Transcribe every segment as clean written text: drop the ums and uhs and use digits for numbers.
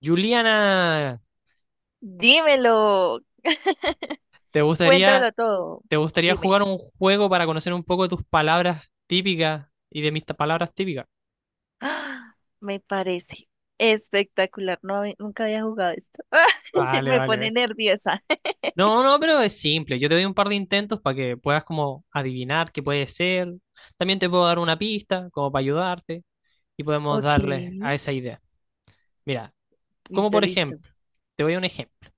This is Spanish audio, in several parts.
Juliana, Dímelo, ¿te gustaría, cuéntamelo todo. te gustaría Dime. jugar un juego para conocer un poco tus palabras típicas y palabras típicas? ¡Ah! Me parece espectacular. No, nunca había jugado esto. Vale, Me vale, vale. pone nerviosa. No, no, pero es simple. Yo te doy un par de intentos para que puedas como adivinar qué puede ser. También te puedo dar una pista como para ayudarte y podemos Ok, darle a esa idea. Mira, como listo, por listo. ejemplo, te voy a un ejemplo.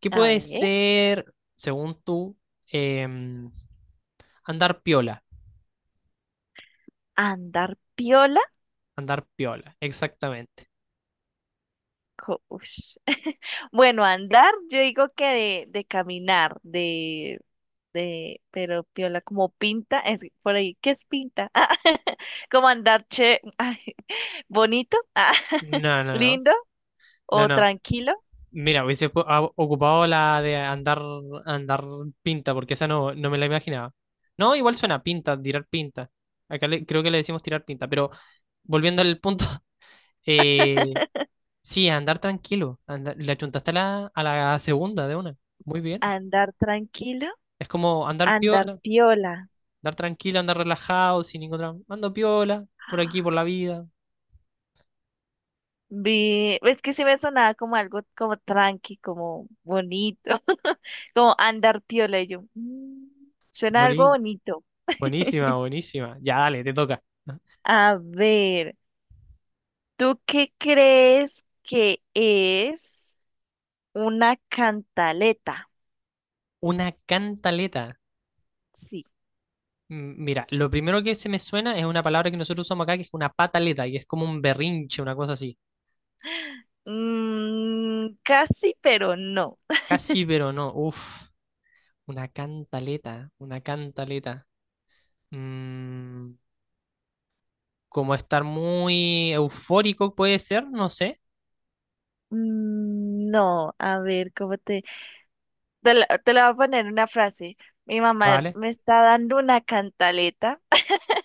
¿Qué A puede ver, ser, según tú, em, andar piola? andar piola. Andar piola, exactamente. Ush. Bueno, andar, yo digo que de caminar, pero piola como pinta, es por ahí, ¿qué es pinta? Como andar che, ay, bonito, No, no, no. lindo No, o no. tranquilo. Mira, ocupado la de andar, andar pinta, porque esa no, no me la imaginaba. No, igual suena pinta, tirar pinta. Creo que le decimos tirar pinta, pero volviendo al punto, eh, sí, andar tranquilo. Le achuntaste a la segunda de una. Muy bien. Andar tranquilo, Es como andar andar piola, piola. andar tranquilo, andar relajado, sin ningún drama. Ando piola, por aquí, por la vida. Vi, es que sí me sonaba como algo como tranqui, como bonito, como andar piola. Y yo, "Mm, suena algo Buení- bonito." Buenísima, buenísima. Ya, dale, te toca. A ver, ¿tú qué crees que es una cantaleta? Una cantaleta. Sí. Mira, lo primero que se me suena es una palabra que nosotros usamos acá que es una pataleta y es como un berrinche, una cosa así. Mm, casi, pero no. Casi, pero no. Uf, una cantaleta, una cantaleta. Mm, Como estar muy eufórico puede ser, no sé. Mm, no, a ver, ¿cómo te...? Te la voy a poner una frase. Mi mamá Vale. me está dando una cantaleta.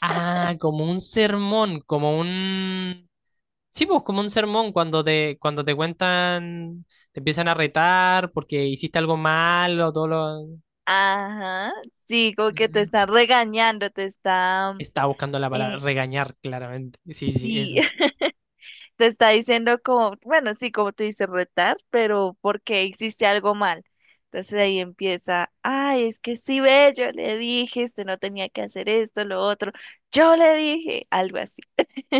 Ah, como un sermón, como un... Sí, pues como un sermón cuando te cuentan, te empiezan a retar porque hiciste algo malo, todo lo... Ajá. Sí, como que te Ujú. está regañando, Estaba buscando la palabra eh, regañar, claramente. Sí, sí, sí, eso es. te está diciendo como, bueno, sí, como tú dices, retar, pero porque hiciste algo mal. Entonces ahí empieza, ay, es que sí, ve, yo le dije, este no tenía que hacer esto, lo otro. Yo le dije, algo así.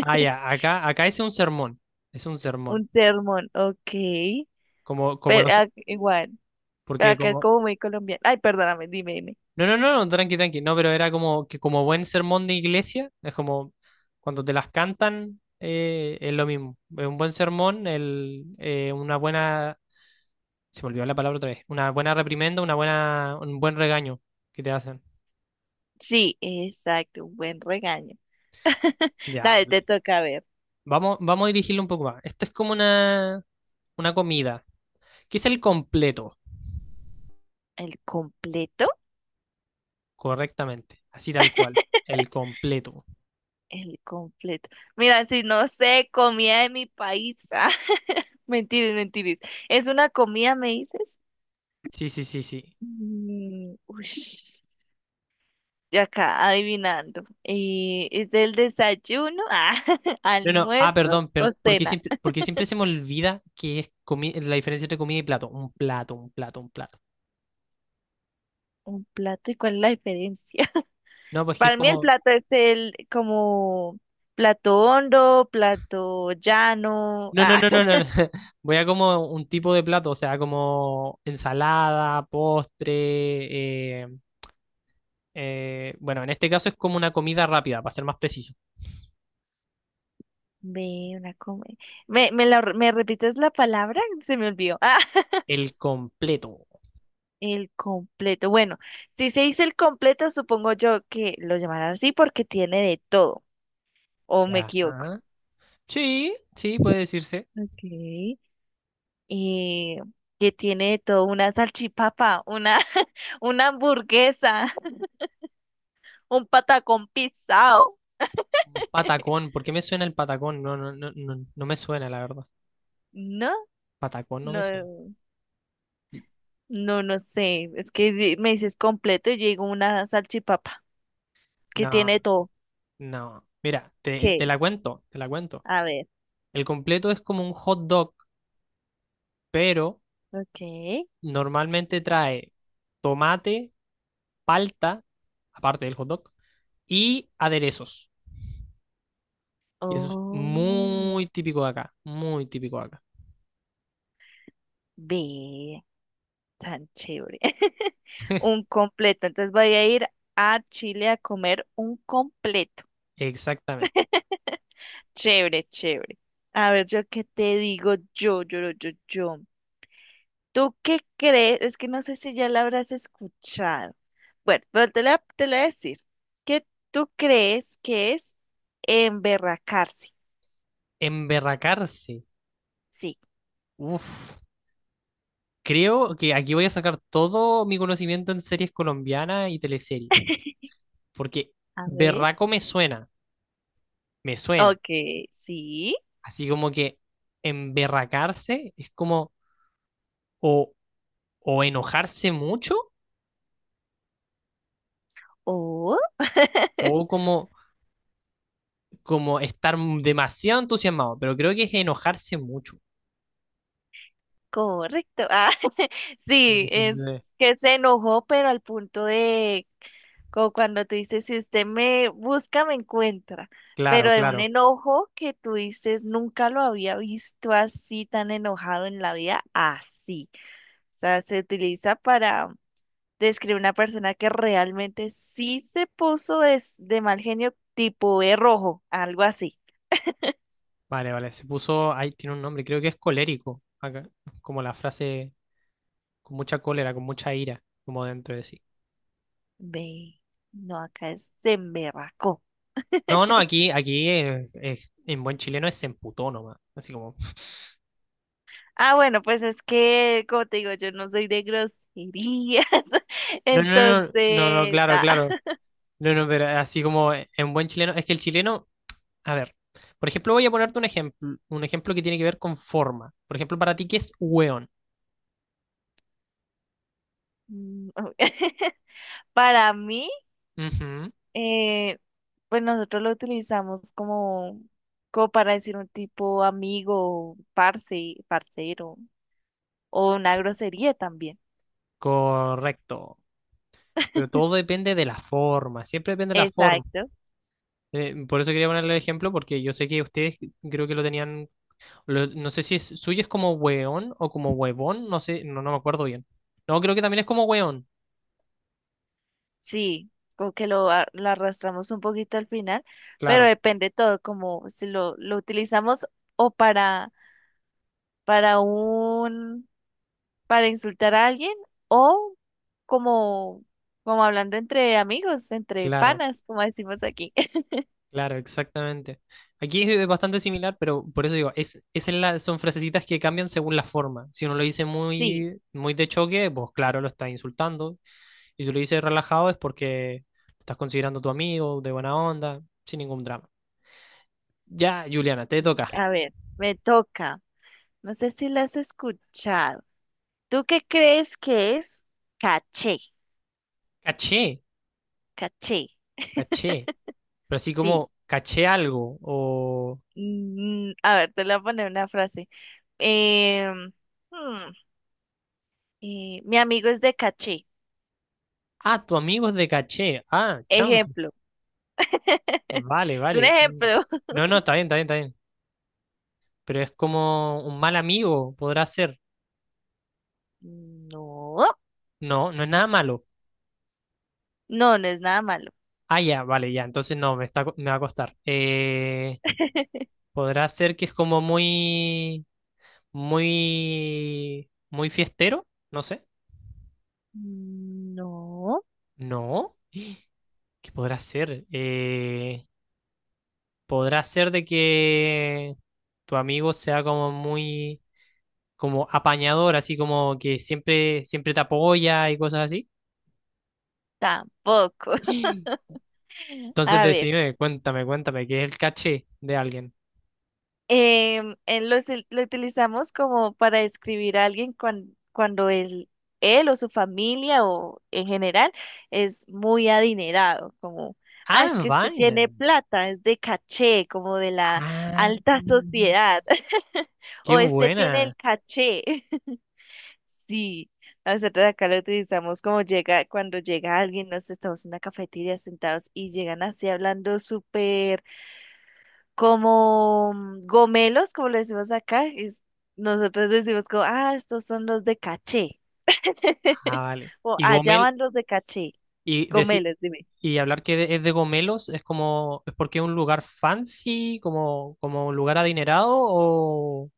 Ah, ya, acá, acá es un sermón. Es un sermón. Un sermón, ok. Como, como Pero los. Igual. Porque Acá es como. como muy colombiano. Ay, perdóname, dime, dime. No, no, no, no, tranqui, tranqui. No, pero era como que como buen sermón de iglesia, es como cuando te las cantan, es lo mismo. Es un buen sermón, una buena. Se me olvidó la palabra otra vez. Una buena reprimenda, una buena, un buen regaño que te hacen. Sí, exacto, un buen regaño. Ya, Dale, vale. te toca ver. Vamos, vamos a dirigirlo un poco más. Esto es como una comida. ¿Qué es el completo? ¿El completo? Correctamente, así tal cual, el completo. El completo. Mira, si no sé, comida de mi país. Ah, mentiras, mentiras. ¿Es una comida, me dices? Sí, sí, sí, sí. Mm, ush, ya acá, adivinando. ¿Es el desayuno, No, no, almuerzo perdón, o cena? Porque siempre se me olvida que es la diferencia entre comida y plato. Un plato, un plato, un plato. Un plato, ¿y cuál es la diferencia? No, pues que es Para mí el como, plato es el como plato hondo, plato llano. no, no, Ah, no, no, no, no. Voy a como un tipo de plato, o sea, como ensalada, postre, bueno, en este caso es como una comida rápida, para ser más preciso. ve una come. ¿Me, me, la, me repites la palabra? Se me olvidó. Ah, El completo. el completo. Bueno, si se dice el completo, supongo yo que lo llamarán así porque tiene de todo. ¿O me Ya. equivoco? Ajá. Sí, sí, puede decirse. Ok. Y que tiene de todo una salchipapa, una, una hamburguesa, un patacón pisado. Un patacón, ¿por qué me suena el patacón? No, no, no, no, no me suena, la verdad. No, Patacón no no. me suena. No, no sé. Es que me dices completo y llegó una salchipapa que No, tiene todo. no. Mira, te, ¿Qué te es? la cuento, te la cuento. A ver. El completo es como un hot dog, pero Ok. normalmente trae tomate, palta, aparte del hot dog, y aderezos. Y eso es Oh, muy típico de acá, muy típico de acá. ve. Tan chévere. Un completo. Entonces voy a ir a Chile a comer un completo. Exactamente. Chévere, chévere. A ver, yo qué te digo yo. ¿Tú qué crees? Es que no sé si ya la habrás escuchado. Bueno, pero te la voy a decir. ¿Qué tú crees que es? Emberracarse. Emberracarse. Sí. Uf. Creo que aquí voy a sacar todo mi conocimiento en series colombianas y teleseries, porque A ver. berraco me suena, me suena. Ok, sí. Así como que emberracarse es como o, o enojarse mucho Oh, o como, como estar demasiado entusiasmado, pero creo que es enojarse mucho. correcto. Ah, Sí, sí, sí, sí. es que se enojó, pero al punto de, como cuando tú dices, si usted me busca, me encuentra. Pero Claro, de un claro. enojo que tú dices, nunca lo había visto así, tan enojado en la vida, así. O sea, se utiliza para describe una persona que realmente sí se puso de mal genio, tipo de rojo, algo así. Vale, vale. Se puso, ahí tiene un nombre, creo que es colérico, acá, como la frase con mucha cólera, con mucha ira, como dentro de sí. Ve, no, acá es se emberracó. No, no, aquí, en buen chileno es se emputó nomás. Así como. Ah, bueno, pues es que, como te digo, yo no soy de groserías. No, no, no, no, no, Entonces, claro, claro. No, no, pero así como en buen chileno. Es que el chileno, a ver, por ejemplo, voy a ponerte un ejemplo que tiene que ver con forma. Por ejemplo, para ti, ¿qué es hueón? mm, para mí, Ujú, eh, pues nosotros lo utilizamos como, para decir un tipo amigo, parce, parcero, o una grosería también. correcto. Pero todo depende de la forma, siempre depende de la forma. Exacto. Por eso quería ponerle el ejemplo, porque yo sé que ustedes creo que lo tenían no sé si es, suyo es como weón o como huevón, no sé, no, no me acuerdo bien. No, creo que también es como weón. Sí, como que lo arrastramos un poquito al final, pero Claro, depende todo, como si lo utilizamos o para un, para insultar a alguien o como, como hablando entre amigos, entre claro, panas, como decimos aquí. claro, exactamente. Aquí es bastante similar, pero por eso digo, es, esa es la, son frasecitas que cambian según la forma. Si uno lo dice Sí, muy, muy de choque, pues claro, lo estás insultando. Y si lo dice relajado es porque lo estás considerando tu amigo, de buena onda, sin ningún drama. Ya, Juliana, te y toca. a ver, me toca. No sé si la has escuchado. ¿Tú qué crees que es caché? Caché, Caché, caché. Pero así sí. como caché algo o... Mm, a ver, te le voy a poner una frase. Eh, mi amigo es de caché. Ah, tu amigo es de caché. Ah, chanfle. Ejemplo. Vale, Es un vale. Mm. ejemplo. No, no, está bien, está bien, está bien. Pero es como un mal amigo, podrá ser. No, No, no es nada malo. no, no es nada malo. Ah, ya, vale, ya. Entonces no, me va a costar. Podrá ser que es como muy, muy, muy fiestero. No sé. No, No, ¿qué podrá ser? Podrá ser de que tu amigo sea como muy como apañador, así como que siempre, siempre te apoya y cosas así. tampoco. Entonces A ver, decime, cuéntame, cuéntame, ¿qué es el caché de alguien? Lo utilizamos como para describir a alguien cuando él o su familia o en general es muy adinerado, como, ah, es Ah, que este vaina. tiene plata, es de caché, como de la Ah, alta sociedad, qué o este tiene buena. el caché. Sí, nosotros acá lo utilizamos como llega, cuando llega alguien, nos estamos en una cafetería sentados y llegan así hablando súper como gomelos, como le decimos acá, nosotros decimos como, ah, estos son los de caché, Ah, vale. o allá van los de caché, y deci- gomelos, dime. y hablar que es de Gomelos es como, es porque es un lugar fancy, como, como un lugar adinerado,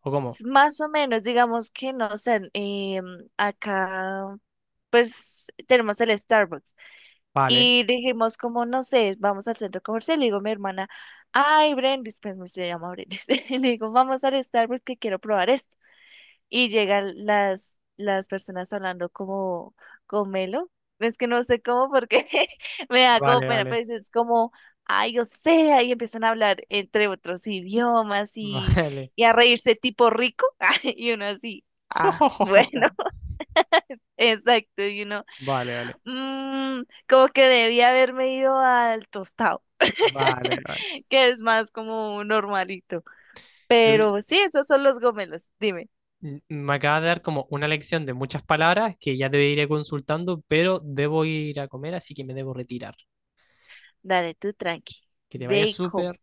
o cómo? Más o menos, digamos que no sé, acá pues tenemos el Starbucks. Vale, Y dijimos como, no sé, vamos al centro comercial. Le digo a mi hermana, ay, Brendis, pues se llama Brendis. Y le digo, vamos al Starbucks que quiero probar esto. Y llegan las personas hablando como con Melo. Es que no sé cómo porque me da como vale, pena, vale, pero es como, ay, o sea, y empiezan a hablar entre otros idiomas y, vale. y a reírse tipo rico. Y uno así, ah, bueno, exacto, y uno... Vale, vale, Mm, como que debía haberme ido al tostado, vale, vale. que es más como normalito. Pero sí, esos son los gomelos. Dime, Me acaba de dar como una lección de muchas palabras que ya te iré consultando, pero debo ir a comer, así que me debo retirar. dale tú tranqui. Que te vaya Bacon. súper.